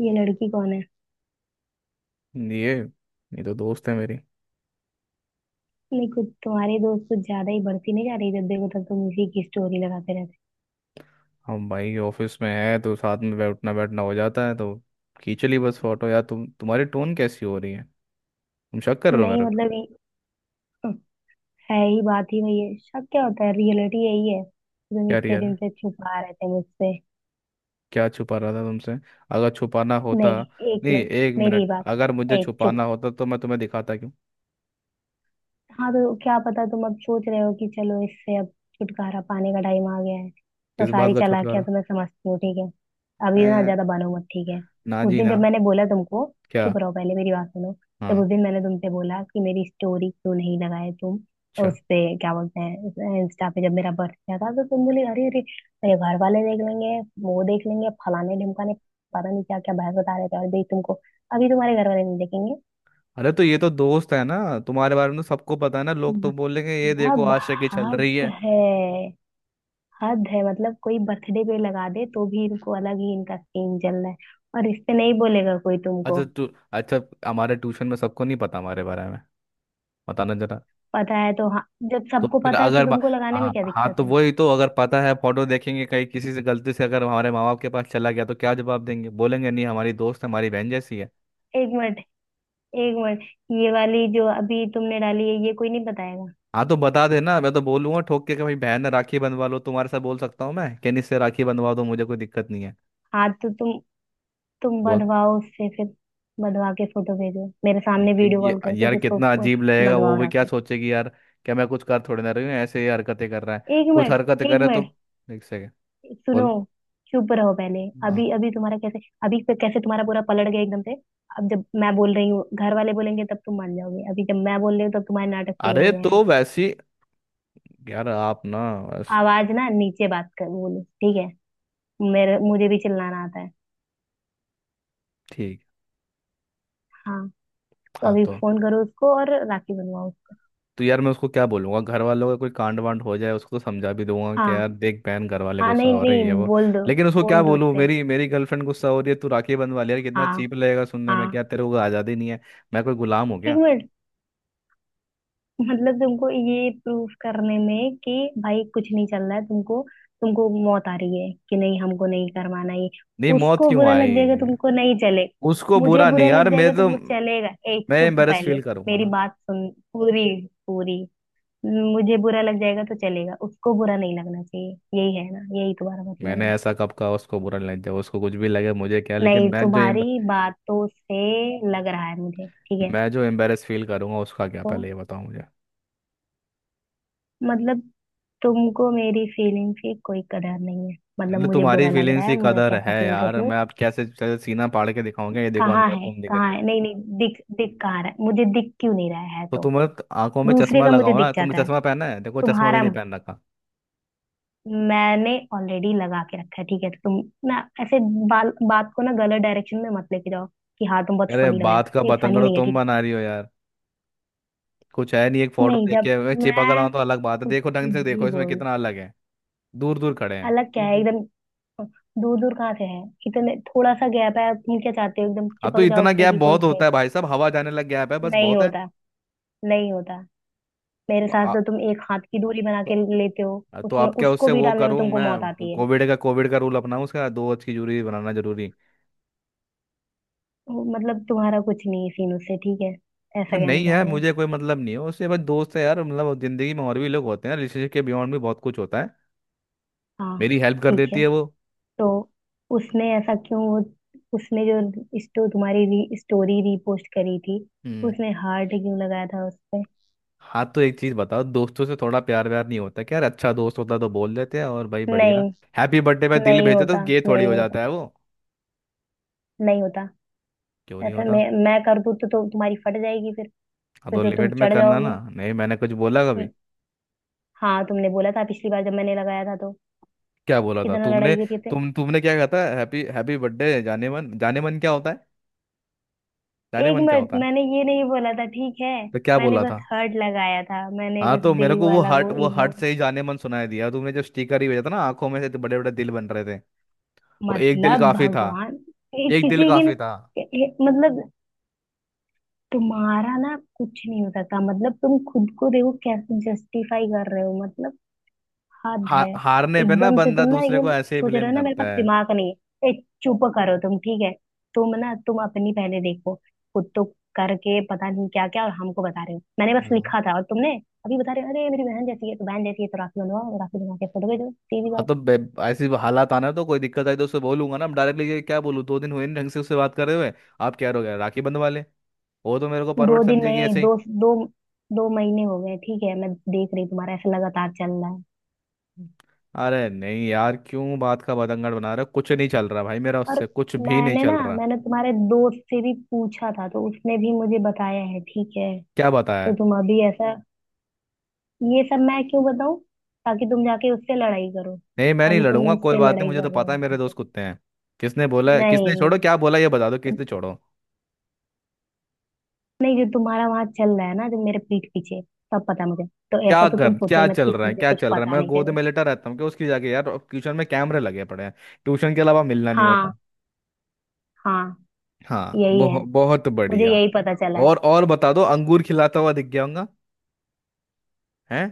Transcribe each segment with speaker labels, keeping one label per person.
Speaker 1: ये लड़की कौन है।
Speaker 2: ये ये तो दोस्त है मेरी।
Speaker 1: नहीं, कुछ तुम्हारे दोस्त कुछ ज्यादा ही बढ़ती नहीं जा रही, जब देखो तब तुम इसी की स्टोरी लगाते रहते।
Speaker 2: हम भाई ऑफिस में है तो साथ में बैठना बैठना हो जाता है तो खींच ली बस फोटो यार। तुम्हारी टोन कैसी हो रही है? तुम शक कर रहे हो
Speaker 1: नहीं
Speaker 2: मेरे को?
Speaker 1: मतलब, ये है ही, बात ही वही है, शक क्या होता है, रियलिटी यही है, तुम
Speaker 2: यार
Speaker 1: इतने
Speaker 2: यार
Speaker 1: दिन से छुपा रहे थे मुझसे।
Speaker 2: क्या छुपा रहा था तुमसे? अगर छुपाना होता,
Speaker 1: नहीं, एक
Speaker 2: नहीं
Speaker 1: मिनट,
Speaker 2: एक
Speaker 1: मेरी
Speaker 2: मिनट,
Speaker 1: बात
Speaker 2: अगर
Speaker 1: सुन।
Speaker 2: मुझे
Speaker 1: एक चुप।
Speaker 2: छुपाना होता तो मैं तुम्हें दिखाता क्यों?
Speaker 1: हाँ तो क्या पता, तुम अब सोच रहे हो कि चलो इससे अब छुटकारा पाने का टाइम आ गया है, तो
Speaker 2: किस बात
Speaker 1: सारी
Speaker 2: का
Speaker 1: चालाकियां
Speaker 2: छुटकारा?
Speaker 1: तो मैं समझती हूँ, ठीक है। अभी ना
Speaker 2: ए,
Speaker 1: ज्यादा बनो मत, ठीक है।
Speaker 2: ना
Speaker 1: उस
Speaker 2: जी
Speaker 1: दिन
Speaker 2: ना।
Speaker 1: जब मैंने बोला तुमको,
Speaker 2: क्या?
Speaker 1: चुप रहो पहले, मेरी बात सुनो। जब
Speaker 2: हाँ।
Speaker 1: उस दिन मैंने तुमसे बोला कि मेरी स्टोरी क्यों नहीं लगाए तुम?
Speaker 2: अच्छा।
Speaker 1: उस पे क्या बोलते हैं, इंस्टा पे जब मेरा बर्थडे था तो तुम बोले, अरे अरे मेरे घर वाले देख लेंगे, वो देख लेंगे, फलाने ढिमकाने, पता नहीं क्या क्या बहस बता रहे थे, और भाई तुमको अभी तुम्हारे घर वाले नहीं देखेंगे।
Speaker 2: अरे तो ये तो दोस्त है ना, तुम्हारे बारे में तो सबको पता है ना, लोग तो
Speaker 1: हम्म।
Speaker 2: बोलेंगे ये
Speaker 1: मेरा
Speaker 2: देखो आशिकी चल रही
Speaker 1: भाग
Speaker 2: है।
Speaker 1: है। हद है, मतलब कोई बर्थडे पे लगा दे तो भी इनको अलग ही इनका सीन चल रहा है, और इस पे नहीं बोलेगा कोई तुमको?
Speaker 2: अच्छा तो तू, अच्छा हमारे ट्यूशन में सबको नहीं पता हमारे बारे में? बताना जरा।
Speaker 1: पता है तो हाँ। जब
Speaker 2: तो
Speaker 1: सबको
Speaker 2: फिर
Speaker 1: पता है तो
Speaker 2: अगर बा-
Speaker 1: तुमको लगाने
Speaker 2: हाँ
Speaker 1: में क्या
Speaker 2: हाँ,
Speaker 1: दिक्कत
Speaker 2: तो
Speaker 1: है?
Speaker 2: वही तो, अगर पता है फोटो देखेंगे कहीं किसी से गलती से अगर हमारे माँ बाप के पास चला गया तो क्या जवाब देंगे? बोलेंगे नहीं हमारी दोस्त है, हमारी बहन जैसी है।
Speaker 1: एक मिनट, एक मिनट, ये वाली जो अभी तुमने डाली है, ये कोई नहीं बताएगा?
Speaker 2: हाँ तो बता देना, मैं तो बोलूंगा ठोक के कि भाई बहन, राखी बंधवा लो तुम्हारे साथ। बोल सकता हूँ मैं, कैनिस से राखी बंधवा दो, मुझे कोई दिक्कत नहीं है।
Speaker 1: हाँ तो तुम
Speaker 2: बोल।
Speaker 1: बधवाओ उससे फिर, बधवा के फोटो भेजो मेरे सामने,
Speaker 2: ये,
Speaker 1: वीडियो
Speaker 2: ये
Speaker 1: कॉल करके
Speaker 2: यार
Speaker 1: फिर
Speaker 2: कितना
Speaker 1: उसको।
Speaker 2: अजीब लगेगा, वो
Speaker 1: बधवाओ
Speaker 2: भी क्या
Speaker 1: राखी।
Speaker 2: सोचेगी यार। क्या मैं कुछ कर थोड़ी ना रही हूँ, ऐसे ही हरकतें कर रहा है।
Speaker 1: एक
Speaker 2: कुछ
Speaker 1: मिनट,
Speaker 2: हरकतें
Speaker 1: एक
Speaker 2: करे
Speaker 1: मिनट,
Speaker 2: तो। एक सेकेंड।
Speaker 1: सुनो,
Speaker 2: बोल।
Speaker 1: चुप रहो पहले।
Speaker 2: हाँ।
Speaker 1: अभी अभी तुम्हारा कैसे अभी पे कैसे तुम्हारा पूरा पलट गया एकदम से? अब जब मैं बोल रही हूँ घर वाले बोलेंगे तब तुम मान जाओगे, अभी जब मैं बोल रही हूँ तब तुम्हारे नाटक शुरू
Speaker 2: अरे
Speaker 1: हो गए हैं।
Speaker 2: तो वैसी, यार आप ना, बस
Speaker 1: आवाज ना नीचे बात कर बोलो, ठीक है, मेरे मुझे भी चिल्लाना आता है।
Speaker 2: ठीक।
Speaker 1: हाँ तो
Speaker 2: हाँ
Speaker 1: अभी
Speaker 2: तो।
Speaker 1: फोन करो उसको और राखी बनवाओ उसको।
Speaker 2: तो यार मैं उसको क्या बोलूंगा? घर वालों का कोई कांड वांड हो जाए उसको समझा भी दूंगा कि
Speaker 1: हाँ
Speaker 2: यार देख बहन, घर वाले
Speaker 1: हाँ,
Speaker 2: गुस्सा
Speaker 1: नहीं
Speaker 2: हो
Speaker 1: नहीं,
Speaker 2: रही है वो।
Speaker 1: बोल दो।
Speaker 2: लेकिन उसको क्या
Speaker 1: बोल दो
Speaker 2: बोलूँ?
Speaker 1: उससे।
Speaker 2: मेरी मेरी गर्लफ्रेंड गुस्सा हो रही है, तू राखी बंधवा ले? यार कितना
Speaker 1: हाँ,
Speaker 2: चीप लगेगा सुनने में। क्या
Speaker 1: हाँ।
Speaker 2: तेरे को आज़ादी नहीं है, मैं कोई गुलाम हूँ
Speaker 1: एक
Speaker 2: क्या?
Speaker 1: मिनट। मतलब तुमको ये प्रूफ करने में कि भाई कुछ नहीं चल रहा है, तुमको तुमको मौत आ रही है कि नहीं, हमको नहीं करवाना ये?
Speaker 2: नहीं, मौत
Speaker 1: उसको
Speaker 2: क्यों
Speaker 1: बुरा लग
Speaker 2: आई?
Speaker 1: जाएगा तुमको नहीं चले।
Speaker 2: उसको
Speaker 1: मुझे
Speaker 2: बुरा नहीं
Speaker 1: बुरा
Speaker 2: यार,
Speaker 1: लग
Speaker 2: मैं
Speaker 1: जाएगा
Speaker 2: तो,
Speaker 1: तुमको चलेगा, एक
Speaker 2: मैं
Speaker 1: चुप
Speaker 2: एम्बेरस
Speaker 1: पहले,
Speaker 2: फील करूंगा
Speaker 1: मेरी
Speaker 2: ना।
Speaker 1: बात सुन पूरी, पूरी। मुझे बुरा लग जाएगा तो चलेगा, उसको बुरा नहीं लगना चाहिए, यही है ना? यही तुम्हारा मतलब
Speaker 2: मैंने
Speaker 1: है?
Speaker 2: ऐसा कब कहा उसको बुरा नहीं? जब उसको कुछ भी लगे मुझे क्या, लेकिन
Speaker 1: नहीं
Speaker 2: मैं जो
Speaker 1: तुम्हारी बातों से लग रहा है मुझे, ठीक है।
Speaker 2: मैं जो एम्बेरस फील करूंगा उसका क्या,
Speaker 1: तो
Speaker 2: पहले ये बताओ।
Speaker 1: मतलब तुमको मेरी फीलिंग की कोई कदर नहीं है, मतलब
Speaker 2: मतलब
Speaker 1: मुझे
Speaker 2: तुम्हारी
Speaker 1: बुरा लग रहा
Speaker 2: फीलिंग्स
Speaker 1: है,
Speaker 2: की
Speaker 1: मैं
Speaker 2: कदर
Speaker 1: कैसा
Speaker 2: है
Speaker 1: फील कर
Speaker 2: यार,
Speaker 1: रही हूँ?
Speaker 2: मैं आप कैसे कैसे सीना फाड़ के दिखाऊंगा? ये देखो
Speaker 1: कहाँ
Speaker 2: अंदर
Speaker 1: है,
Speaker 2: तुम दिख रही
Speaker 1: कहाँ
Speaker 2: हो।
Speaker 1: है, नहीं नहीं दिख दिख कहाँ रहा है, मुझे दिख क्यों नहीं रहा है तो?
Speaker 2: आंखों में
Speaker 1: दूसरे
Speaker 2: चश्मा
Speaker 1: का मुझे
Speaker 2: लगाओ ना,
Speaker 1: दिख
Speaker 2: तुमने
Speaker 1: जाता है,
Speaker 2: चश्मा पहना है? देखो चश्मा भी
Speaker 1: तुम्हारा।
Speaker 2: नहीं पहन रखा।
Speaker 1: मैंने ऑलरेडी लगा के रखा है, ठीक है, तो तुम ना ऐसे बाल बात को ना गलत डायरेक्शन में मत लेके जाओ, कि हाँ तुम बहुत
Speaker 2: अरे
Speaker 1: फनी लग रहे हो,
Speaker 2: बात का
Speaker 1: ये फनी
Speaker 2: बतंगड़
Speaker 1: नहीं है,
Speaker 2: तुम
Speaker 1: ठीक है।
Speaker 2: बना रही हो यार। कुछ है नहीं, एक फोटो
Speaker 1: नहीं
Speaker 2: देख
Speaker 1: जब
Speaker 2: के मैं चिपक रहा हूं
Speaker 1: मैं
Speaker 2: तो अलग बात है,
Speaker 1: कुछ
Speaker 2: देखो ढंग से,
Speaker 1: भी
Speaker 2: देखो इसमें
Speaker 1: बोल
Speaker 2: कितना अलग है, दूर दूर खड़े हैं।
Speaker 1: अलग क्या है? हम्म। एकदम दूर दूर कहाँ से है, इतने थोड़ा सा गैप है, तुम क्या चाहते हो, एकदम
Speaker 2: अब तो
Speaker 1: चिपक जाओ
Speaker 2: इतना गैप
Speaker 1: फेविकोल
Speaker 2: बहुत
Speaker 1: से?
Speaker 2: होता है भाई साहब, हवा जाने लग गैप है, बस
Speaker 1: नहीं
Speaker 2: बहुत है।
Speaker 1: होता, नहीं होता, मेरे
Speaker 2: तो
Speaker 1: साथ
Speaker 2: आ,
Speaker 1: तो तुम एक हाथ की दूरी बना के
Speaker 2: तो,
Speaker 1: लेते हो,
Speaker 2: तो
Speaker 1: उसमें
Speaker 2: आप क्या,
Speaker 1: उसको
Speaker 2: उससे
Speaker 1: भी
Speaker 2: वो
Speaker 1: डालने में
Speaker 2: करूं
Speaker 1: तुमको मौत
Speaker 2: मैं,
Speaker 1: आती है।
Speaker 2: कोविड का, कोविड का रूल अपनाऊं उसका, दो गज की दूरी बनाना जरूरी है।
Speaker 1: वो मतलब तुम्हारा कुछ नहीं है सीन उससे, ठीक है, ऐसा
Speaker 2: तो
Speaker 1: कहना
Speaker 2: नहीं
Speaker 1: चाह
Speaker 2: यार
Speaker 1: रहे हो?
Speaker 2: मुझे कोई मतलब नहीं है उससे, बस दोस्त है यार, मतलब जिंदगी में और भी लोग होते हैं, रिलेशनशिप के बियॉन्ड भी बहुत कुछ होता है।
Speaker 1: हाँ,
Speaker 2: मेरी हेल्प कर
Speaker 1: ठीक
Speaker 2: देती
Speaker 1: है।
Speaker 2: है वो।
Speaker 1: तो उसने ऐसा क्यों वो, उसने जो स्टो तुम्हारी स्टोरी रीपोस्ट करी थी,
Speaker 2: हम्म।
Speaker 1: उसने हार्ट क्यों लगाया था उस पे?
Speaker 2: हाँ तो एक चीज बताओ, दोस्तों से थोड़ा प्यार व्यार नहीं होता क्या यार? अच्छा दोस्त होता तो बोल देते हैं और भाई बढ़िया,
Speaker 1: नहीं,
Speaker 2: हैप्पी बर्थडे पे दिल
Speaker 1: नहीं
Speaker 2: भेजते तो
Speaker 1: होता,
Speaker 2: गे थोड़ी
Speaker 1: नहीं
Speaker 2: हो
Speaker 1: होता,
Speaker 2: जाता है वो।
Speaker 1: नहीं होता।
Speaker 2: क्यों नहीं
Speaker 1: ऐसा
Speaker 2: होता?
Speaker 1: मैं कर दूँ तो तुम्हारी फट जाएगी फिर
Speaker 2: हाँ
Speaker 1: फिर
Speaker 2: तो
Speaker 1: तो तुम
Speaker 2: लिमिट में
Speaker 1: चढ़
Speaker 2: करना
Speaker 1: जाओगे।
Speaker 2: ना, नहीं मैंने कुछ बोला कभी?
Speaker 1: हम्म, हाँ तुमने बोला था पिछली बार जब मैंने लगाया था, तो
Speaker 2: क्या बोला था
Speaker 1: कितना लड़ाई
Speaker 2: तुमने?
Speaker 1: करी थे?
Speaker 2: तुमने क्या कहा था? हैप्पी हैप्पी बर्थडे जाने मन, जाने मन क्या होता है? जाने
Speaker 1: एक
Speaker 2: मन क्या
Speaker 1: मिनट,
Speaker 2: होता है?
Speaker 1: मैंने ये नहीं बोला था, ठीक है।
Speaker 2: तो क्या
Speaker 1: मैंने
Speaker 2: बोला
Speaker 1: बस
Speaker 2: था?
Speaker 1: हर्ट लगाया था, मैंने
Speaker 2: हाँ
Speaker 1: बस
Speaker 2: तो मेरे
Speaker 1: दिल
Speaker 2: को वो
Speaker 1: वाला
Speaker 2: हर्ट,
Speaker 1: वो
Speaker 2: वो
Speaker 1: इमो।
Speaker 2: हर्ट से ही जाने मन सुनाई दिया, तुमने जो स्टिकर ही भेजा था ना, आंखों में से बड़े बड़े दिल बन रहे थे। वो एक दिल
Speaker 1: मतलब
Speaker 2: काफी था।
Speaker 1: भगवान, ये
Speaker 2: एक दिल
Speaker 1: किसी की
Speaker 2: काफी
Speaker 1: न-
Speaker 2: था।
Speaker 1: ये- मतलब तुम्हारा ना कुछ नहीं हो सकता, मतलब तुम खुद को देखो कैसे जस्टिफाई कर रहे हो, मतलब हद है।
Speaker 2: हारने पे ना
Speaker 1: एकदम से
Speaker 2: बंदा
Speaker 1: तुम ना
Speaker 2: दूसरे को
Speaker 1: एकदम
Speaker 2: ऐसे ही
Speaker 1: सोच रहे
Speaker 2: ब्लेम
Speaker 1: हो ना, मेरे
Speaker 2: करता
Speaker 1: पास
Speaker 2: है।
Speaker 1: दिमाग नहीं है, ए चुप करो तुम, ठीक है। तुम ना, तुम अपनी पहले देखो, खुद तो करके पता नहीं क्या क्या और हमको बता रहे हो, मैंने बस
Speaker 2: हाँ।
Speaker 1: लिखा था और तुमने अभी बता रहे हो अरे मेरी बहन जैसी है, तो बहन जैसी है तो राखी बनवाओ, राखी बनवा के फोटो भेजो, सीधी बात।
Speaker 2: ऐसी हालात आना, तो कोई दिक्कत आई तो उससे बोलूंगा ना डायरेक्टली, क्या बोलूँ? दो दिन हुए नहीं ढंग से उससे बात करे हुए, आप क्या हो गए राखी बंधवा ले? वो तो मेरे को
Speaker 1: दो
Speaker 2: परवट
Speaker 1: दिन
Speaker 2: समझेगी
Speaker 1: नहीं,
Speaker 2: ऐसे ही।
Speaker 1: दो दो दो महीने हो गए, ठीक है, मैं देख रही हूँ तुम्हारा ऐसा लगातार चल रहा है।
Speaker 2: अरे नहीं यार, क्यों बात का बतंगड़ बना रहे हो? कुछ नहीं चल रहा भाई, मेरा
Speaker 1: और
Speaker 2: उससे कुछ भी नहीं
Speaker 1: मैंने
Speaker 2: चल
Speaker 1: ना
Speaker 2: रहा।
Speaker 1: मैंने तुम्हारे दोस्त से भी पूछा था, तो उसने भी मुझे बताया है, ठीक है।
Speaker 2: क्या
Speaker 1: तो
Speaker 2: बताया?
Speaker 1: तुम अभी ऐसा, ये सब मैं क्यों बताऊं, ताकि तुम जाके उससे लड़ाई करो?
Speaker 2: नहीं मैं नहीं
Speaker 1: अभी तुम
Speaker 2: लड़ूंगा, कोई
Speaker 1: मुझसे
Speaker 2: बात नहीं,
Speaker 1: लड़ाई
Speaker 2: मुझे तो
Speaker 1: कर रहे
Speaker 2: पता
Speaker 1: हो।
Speaker 2: है मेरे दोस्त कुत्ते हैं। किसने बोला है, किसने,
Speaker 1: नहीं,
Speaker 2: छोड़ो, क्या बोला ये बता दो, किसने, छोड़ो।
Speaker 1: नहीं जो तुम्हारा वहां चल रहा है ना, जो मेरे पीठ पीछे, सब पता है मुझे, तो ऐसा
Speaker 2: क्या
Speaker 1: तो तुम
Speaker 2: कर,
Speaker 1: सोचो
Speaker 2: क्या
Speaker 1: ही मत
Speaker 2: चल
Speaker 1: कि
Speaker 2: रहा है,
Speaker 1: मुझे
Speaker 2: क्या
Speaker 1: कुछ
Speaker 2: चल रहा है?
Speaker 1: पता
Speaker 2: मैं
Speaker 1: नहीं
Speaker 2: गोद
Speaker 1: चले।
Speaker 2: में लेटा रहता हूँ कि उसकी जाके? यार ट्यूशन में कैमरे लगे पड़े हैं, ट्यूशन के अलावा मिलना नहीं
Speaker 1: हाँ,
Speaker 2: होता।
Speaker 1: हाँ,
Speaker 2: हाँ,
Speaker 1: यही है,
Speaker 2: बहुत
Speaker 1: मुझे
Speaker 2: बढ़िया।
Speaker 1: यही पता चला है।
Speaker 2: और बता दो, अंगूर खिलाता हुआ दिख गया होगा। हैं?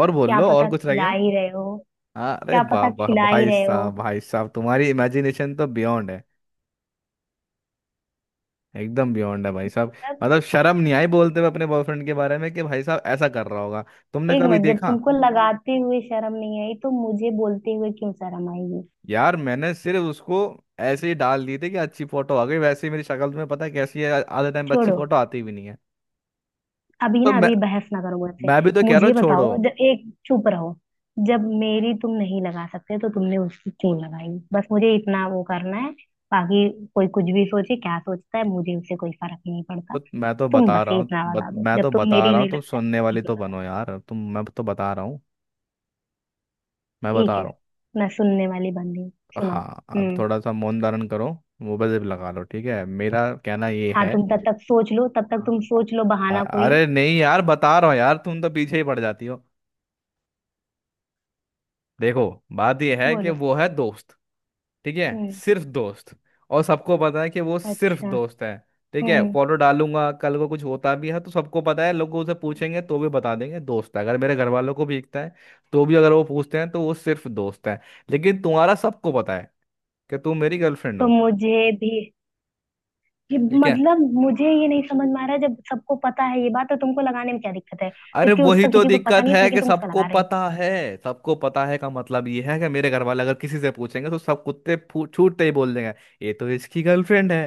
Speaker 2: और बोल
Speaker 1: क्या
Speaker 2: लो, और
Speaker 1: पता
Speaker 2: कुछ रह
Speaker 1: खिला
Speaker 2: गया?
Speaker 1: ही रहे हो,
Speaker 2: अरे
Speaker 1: क्या
Speaker 2: वाह
Speaker 1: पता
Speaker 2: वाह
Speaker 1: खिला ही
Speaker 2: भाई
Speaker 1: रहे हो।
Speaker 2: साहब, भाई साहब तुम्हारी इमेजिनेशन तो बियॉन्ड है, एकदम बियॉन्ड है भाई साहब।
Speaker 1: तब
Speaker 2: मतलब शर्म नहीं आई बोलते हुए अपने बॉयफ्रेंड के बारे में कि भाई साहब ऐसा कर रहा होगा? तुमने
Speaker 1: एक
Speaker 2: कभी
Speaker 1: मिनट, जब
Speaker 2: देखा?
Speaker 1: तुमको लगाते हुए शर्म नहीं आई तो मुझे बोलते हुए क्यों शर्म आएगी?
Speaker 2: यार मैंने सिर्फ उसको ऐसे ही डाल दिए थे कि अच्छी फोटो आ गई, वैसे ही मेरी शक्ल तुम्हें पता है कैसी है, आधे टाइम पे अच्छी
Speaker 1: छोड़ो,
Speaker 2: फोटो आती भी नहीं है।
Speaker 1: अभी
Speaker 2: तो
Speaker 1: ना
Speaker 2: मैं
Speaker 1: अभी बहस ना करो मुझसे।
Speaker 2: मैं भी तो कह रहा हूँ
Speaker 1: मुझे
Speaker 2: छोड़ो।
Speaker 1: बताओ, जब एक चुप रहो, जब मेरी तुम नहीं लगा सकते तो तुमने उसकी क्यों लगाई? बस मुझे इतना वो करना है, बाकी कोई कुछ भी सोचे, क्या सोचता है, मुझे उससे कोई फर्क नहीं पड़ता। तुम बस ये इतना बता दो,
Speaker 2: मैं
Speaker 1: जब
Speaker 2: तो
Speaker 1: तुम
Speaker 2: बता
Speaker 1: मेरी
Speaker 2: रहा हूँ,
Speaker 1: नहीं
Speaker 2: तुम
Speaker 1: लगा तो
Speaker 2: सुनने
Speaker 1: उसकी
Speaker 2: वाली
Speaker 1: क्यों
Speaker 2: तो
Speaker 1: लगा?
Speaker 2: बनो यार तुम, मैं तो बता रहा हूँ। मैं
Speaker 1: ठीक
Speaker 2: बता
Speaker 1: है,
Speaker 2: रहा
Speaker 1: मैं सुनने वाली बंदी हूँ।
Speaker 2: हूँ।
Speaker 1: सुनो।
Speaker 2: हाँ अब
Speaker 1: हम्म।
Speaker 2: थोड़ा सा मौन धारण करो, मुंह पे जिप लगा लो, ठीक है? मेरा कहना ये
Speaker 1: हाँ
Speaker 2: है,
Speaker 1: तुम तब तक सोच लो, तब तक तुम सोच लो
Speaker 2: अ-
Speaker 1: बहाना कोई।
Speaker 2: अरे नहीं यार बता रहा हूँ यार, तुम तो पीछे ही पड़ जाती हो। देखो, बात यह है कि
Speaker 1: बोलो।
Speaker 2: वो है दोस्त, ठीक है?
Speaker 1: हम्म।
Speaker 2: सिर्फ दोस्त, और सबको पता है कि वो सिर्फ
Speaker 1: अच्छा।
Speaker 2: दोस्त है। ठीक है,
Speaker 1: हम्म।
Speaker 2: फोटो डालूंगा, कल को कुछ होता भी है तो सबको पता है, लोग उसे पूछेंगे तो भी बता देंगे दोस्त है। अगर मेरे घर वालों को भी दिखता है तो भी अगर वो पूछते हैं तो वो सिर्फ दोस्त है। लेकिन तुम्हारा सबको पता है कि तुम मेरी गर्लफ्रेंड
Speaker 1: तो
Speaker 2: हो।
Speaker 1: मुझे भी, ये
Speaker 2: ठीक है,
Speaker 1: मतलब मुझे ये नहीं समझ में आ रहा है, जब सबको पता है ये बात, तो तुमको लगाने में क्या दिक्कत है?
Speaker 2: अरे
Speaker 1: जबकि
Speaker 2: वही
Speaker 1: उसका
Speaker 2: तो
Speaker 1: किसी को पता
Speaker 2: दिक्कत
Speaker 1: नहीं है,
Speaker 2: है
Speaker 1: लेकिन
Speaker 2: कि
Speaker 1: तुम उसका
Speaker 2: सबको
Speaker 1: लगा रहे हो।
Speaker 2: पता है। सबको पता है का मतलब ये है कि मेरे घर वाले अगर किसी से पूछेंगे तो सब कुत्ते छूटते ही बोल देंगे ये तो इसकी गर्लफ्रेंड है।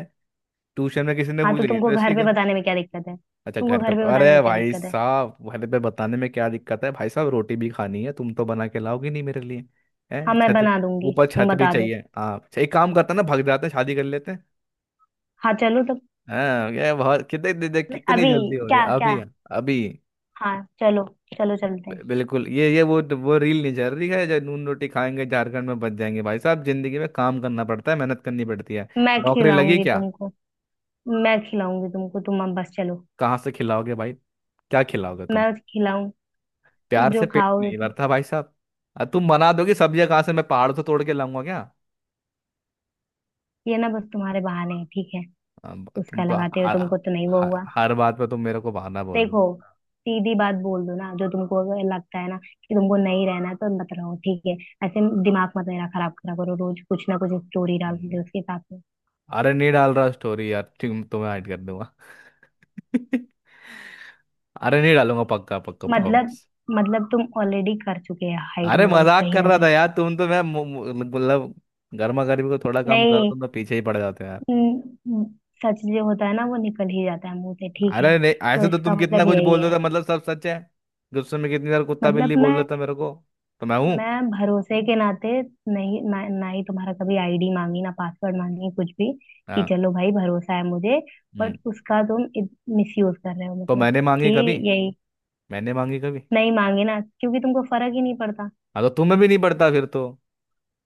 Speaker 2: ट्यूशन में किसी ने
Speaker 1: हाँ
Speaker 2: पूछ,
Speaker 1: तो
Speaker 2: ये
Speaker 1: तुमको
Speaker 2: तो
Speaker 1: घर
Speaker 2: इसकी
Speaker 1: पे
Speaker 2: गर्ल।
Speaker 1: बताने में क्या दिक्कत है,
Speaker 2: अच्छा
Speaker 1: तुमको
Speaker 2: घर पे,
Speaker 1: घर पे बताने
Speaker 2: अरे
Speaker 1: में क्या
Speaker 2: भाई
Speaker 1: दिक्कत है?
Speaker 2: साहब घर पे बताने में क्या दिक्कत है, भाई साहब रोटी भी खानी है, तुम तो बना के लाओगे नहीं मेरे लिए। है
Speaker 1: हाँ मैं
Speaker 2: छत,
Speaker 1: बना दूंगी,
Speaker 2: ऊपर
Speaker 1: तुम
Speaker 2: छत भी
Speaker 1: बता दो।
Speaker 2: चाहिए। हाँ अच्छा, एक काम करते हैं ना, भाग जाते हैं, शादी कर लेते हैं।
Speaker 1: हाँ चलो तो।
Speaker 2: हाँ ये बहुत, कितने,
Speaker 1: नहीं,
Speaker 2: कितनी
Speaker 1: अभी
Speaker 2: जल्दी हो रही है
Speaker 1: क्या क्या,
Speaker 2: अभी अभी?
Speaker 1: हाँ चलो, चलो चलते
Speaker 2: बि-
Speaker 1: हैं।
Speaker 2: बिल्कुल ये वो रील नहीं चल रही है जो नून रोटी खाएंगे झारखंड में बच जाएंगे। भाई साहब जिंदगी में काम करना पड़ता है, मेहनत करनी पड़ती है,
Speaker 1: मैं
Speaker 2: नौकरी लगी
Speaker 1: खिलाऊंगी
Speaker 2: क्या?
Speaker 1: तुमको। मैं खिलाऊंगी तुमको, तुम अब बस चलो।
Speaker 2: कहाँ से खिलाओगे भाई, क्या खिलाओगे तुम?
Speaker 1: मैं खिलाऊं,
Speaker 2: प्यार
Speaker 1: जो
Speaker 2: से पेट
Speaker 1: खाओगे
Speaker 2: नहीं
Speaker 1: तुम।
Speaker 2: भरता भाई साहब। अब तुम बना दोगे, सब्जियां कहाँ से, मैं पहाड़ से तोड़ के लाऊंगा क्या?
Speaker 1: ये ना बस तुम्हारे बहाने हैं, ठीक है,
Speaker 2: अब तुम
Speaker 1: उसका
Speaker 2: तो
Speaker 1: लगाते हो
Speaker 2: हर,
Speaker 1: तुमको तो नहीं वो
Speaker 2: हर
Speaker 1: हुआ।
Speaker 2: हर बात पे तुम मेरे को बहाना बोल
Speaker 1: देखो,
Speaker 2: दो।
Speaker 1: सीधी बात बोल दो ना, जो तुमको अगर लगता है ना कि तुमको नहीं रहना है तो मत रहो, ठीक है, ऐसे दिमाग मत मेरा खराब करा करो, रोज कुछ ना कुछ स्टोरी डाल
Speaker 2: हम्म।
Speaker 1: दो उसके साथ में।
Speaker 2: अरे नहीं डाल रहा स्टोरी यार, तुम्हें ऐड कर दूंगा। अरे नहीं डालूंगा, पक्का पक्का
Speaker 1: मतलब
Speaker 2: प्रॉमिस।
Speaker 1: मतलब तुम ऑलरेडी कर चुके हो हाइड
Speaker 2: अरे
Speaker 1: मुझे
Speaker 2: मजाक
Speaker 1: कहीं
Speaker 2: कर
Speaker 1: ना
Speaker 2: रहा था
Speaker 1: कहीं।
Speaker 2: यार, तुम तो मैं, मु- मु- मतलब गर्मा गर्मी को थोड़ा कम करो,
Speaker 1: नहीं,
Speaker 2: तुम तो पीछे ही पड़ जाते हो यार।
Speaker 1: न- सच जो होता है ना वो निकल ही जाता है मुंह से, ठीक है।
Speaker 2: अरे नहीं
Speaker 1: तो
Speaker 2: ऐसे तो
Speaker 1: इसका
Speaker 2: तुम कितना
Speaker 1: मतलब
Speaker 2: कुछ
Speaker 1: यही
Speaker 2: बोल देते
Speaker 1: है।
Speaker 2: हो, मतलब सब सच है? गुस्से में कितनी बार कुत्ता
Speaker 1: मतलब
Speaker 2: बिल्ली बोल देता मेरे को, तो मैं हूँ?
Speaker 1: मैं भरोसे के नाते, नहीं ना, ना ही तुम्हारा कभी आईडी मांगी, ना पासवर्ड मांगी, कुछ भी, कि
Speaker 2: हाँ।
Speaker 1: चलो भाई भरोसा है मुझे, बट
Speaker 2: हम्म।
Speaker 1: उसका तुम मिस यूज कर रहे हो,
Speaker 2: तो
Speaker 1: मतलब
Speaker 2: मैंने
Speaker 1: कि
Speaker 2: मांगी कभी?
Speaker 1: यही।
Speaker 2: मैंने मांगी कभी?
Speaker 1: नहीं मांगे ना क्योंकि तुमको फर्क ही नहीं पड़ता।
Speaker 2: हाँ तो तुम्हें भी नहीं पड़ता फिर तो,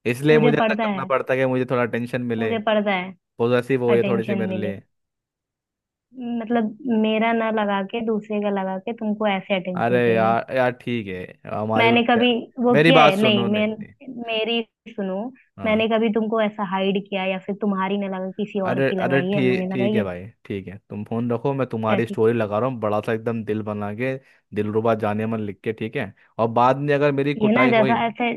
Speaker 2: इसलिए
Speaker 1: मुझे
Speaker 2: मुझे ऐसा
Speaker 1: पड़ता
Speaker 2: करना
Speaker 1: है,
Speaker 2: पड़ता है कि मुझे थोड़ा टेंशन मिले,
Speaker 1: मुझे पड़ता है
Speaker 2: पॉजिटिव हो ये थोड़ी सी
Speaker 1: अटेंशन
Speaker 2: मेरे
Speaker 1: मिले,
Speaker 2: लिए।
Speaker 1: मतलब, मेरा ना लगा के दूसरे का लगा के तुमको ऐसे
Speaker 2: अरे
Speaker 1: अटेंशन चाहिए?
Speaker 2: यार यार ठीक है, हमारे ऊपर
Speaker 1: मैंने
Speaker 2: पड़े।
Speaker 1: कभी वो
Speaker 2: मेरी
Speaker 1: किया
Speaker 2: बात
Speaker 1: है नहीं
Speaker 2: सुनो,
Speaker 1: मैं,
Speaker 2: नहीं नहीं।
Speaker 1: मेरी सुनो, मैंने
Speaker 2: हाँ।
Speaker 1: कभी तुमको ऐसा हाइड किया, या फिर तुम्हारी ने लगा किसी और
Speaker 2: अरे
Speaker 1: की
Speaker 2: अरे
Speaker 1: लगाई है? मैंने
Speaker 2: ठीक, ठीक
Speaker 1: लगाई
Speaker 2: है
Speaker 1: है?
Speaker 2: भाई, ठीक है तुम फोन रखो, मैं
Speaker 1: क्या
Speaker 2: तुम्हारी
Speaker 1: ठीक?
Speaker 2: स्टोरी लगा रहा हूँ, बड़ा सा एकदम दिल बना के, दिलरुबा जाने मन लिख के, ठीक है? और बाद में अगर मेरी
Speaker 1: ये ना
Speaker 2: कुटाई हुई।
Speaker 1: जैसा ऐसे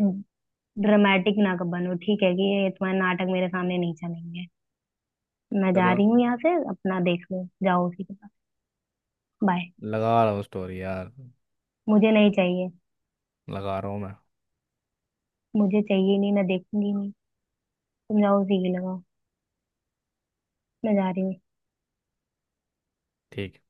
Speaker 1: ड्रामेटिक ना कब बनो, ठीक है, कि ये तुम्हारे नाटक मेरे सामने नहीं चलेंगे। मैं जा
Speaker 2: चलो
Speaker 1: रही हूँ यहाँ से, अपना देख लो, जाओ उसी के पास, बाय।
Speaker 2: लगा रहा हूँ स्टोरी यार,
Speaker 1: मुझे नहीं चाहिए,
Speaker 2: लगा रहा हूँ मैं,
Speaker 1: मुझे चाहिए नहीं, मैं देखूंगी नहीं, तुम जाओ उसी के लगाओ, मैं जा रही हूँ, बाय।
Speaker 2: ठीक है।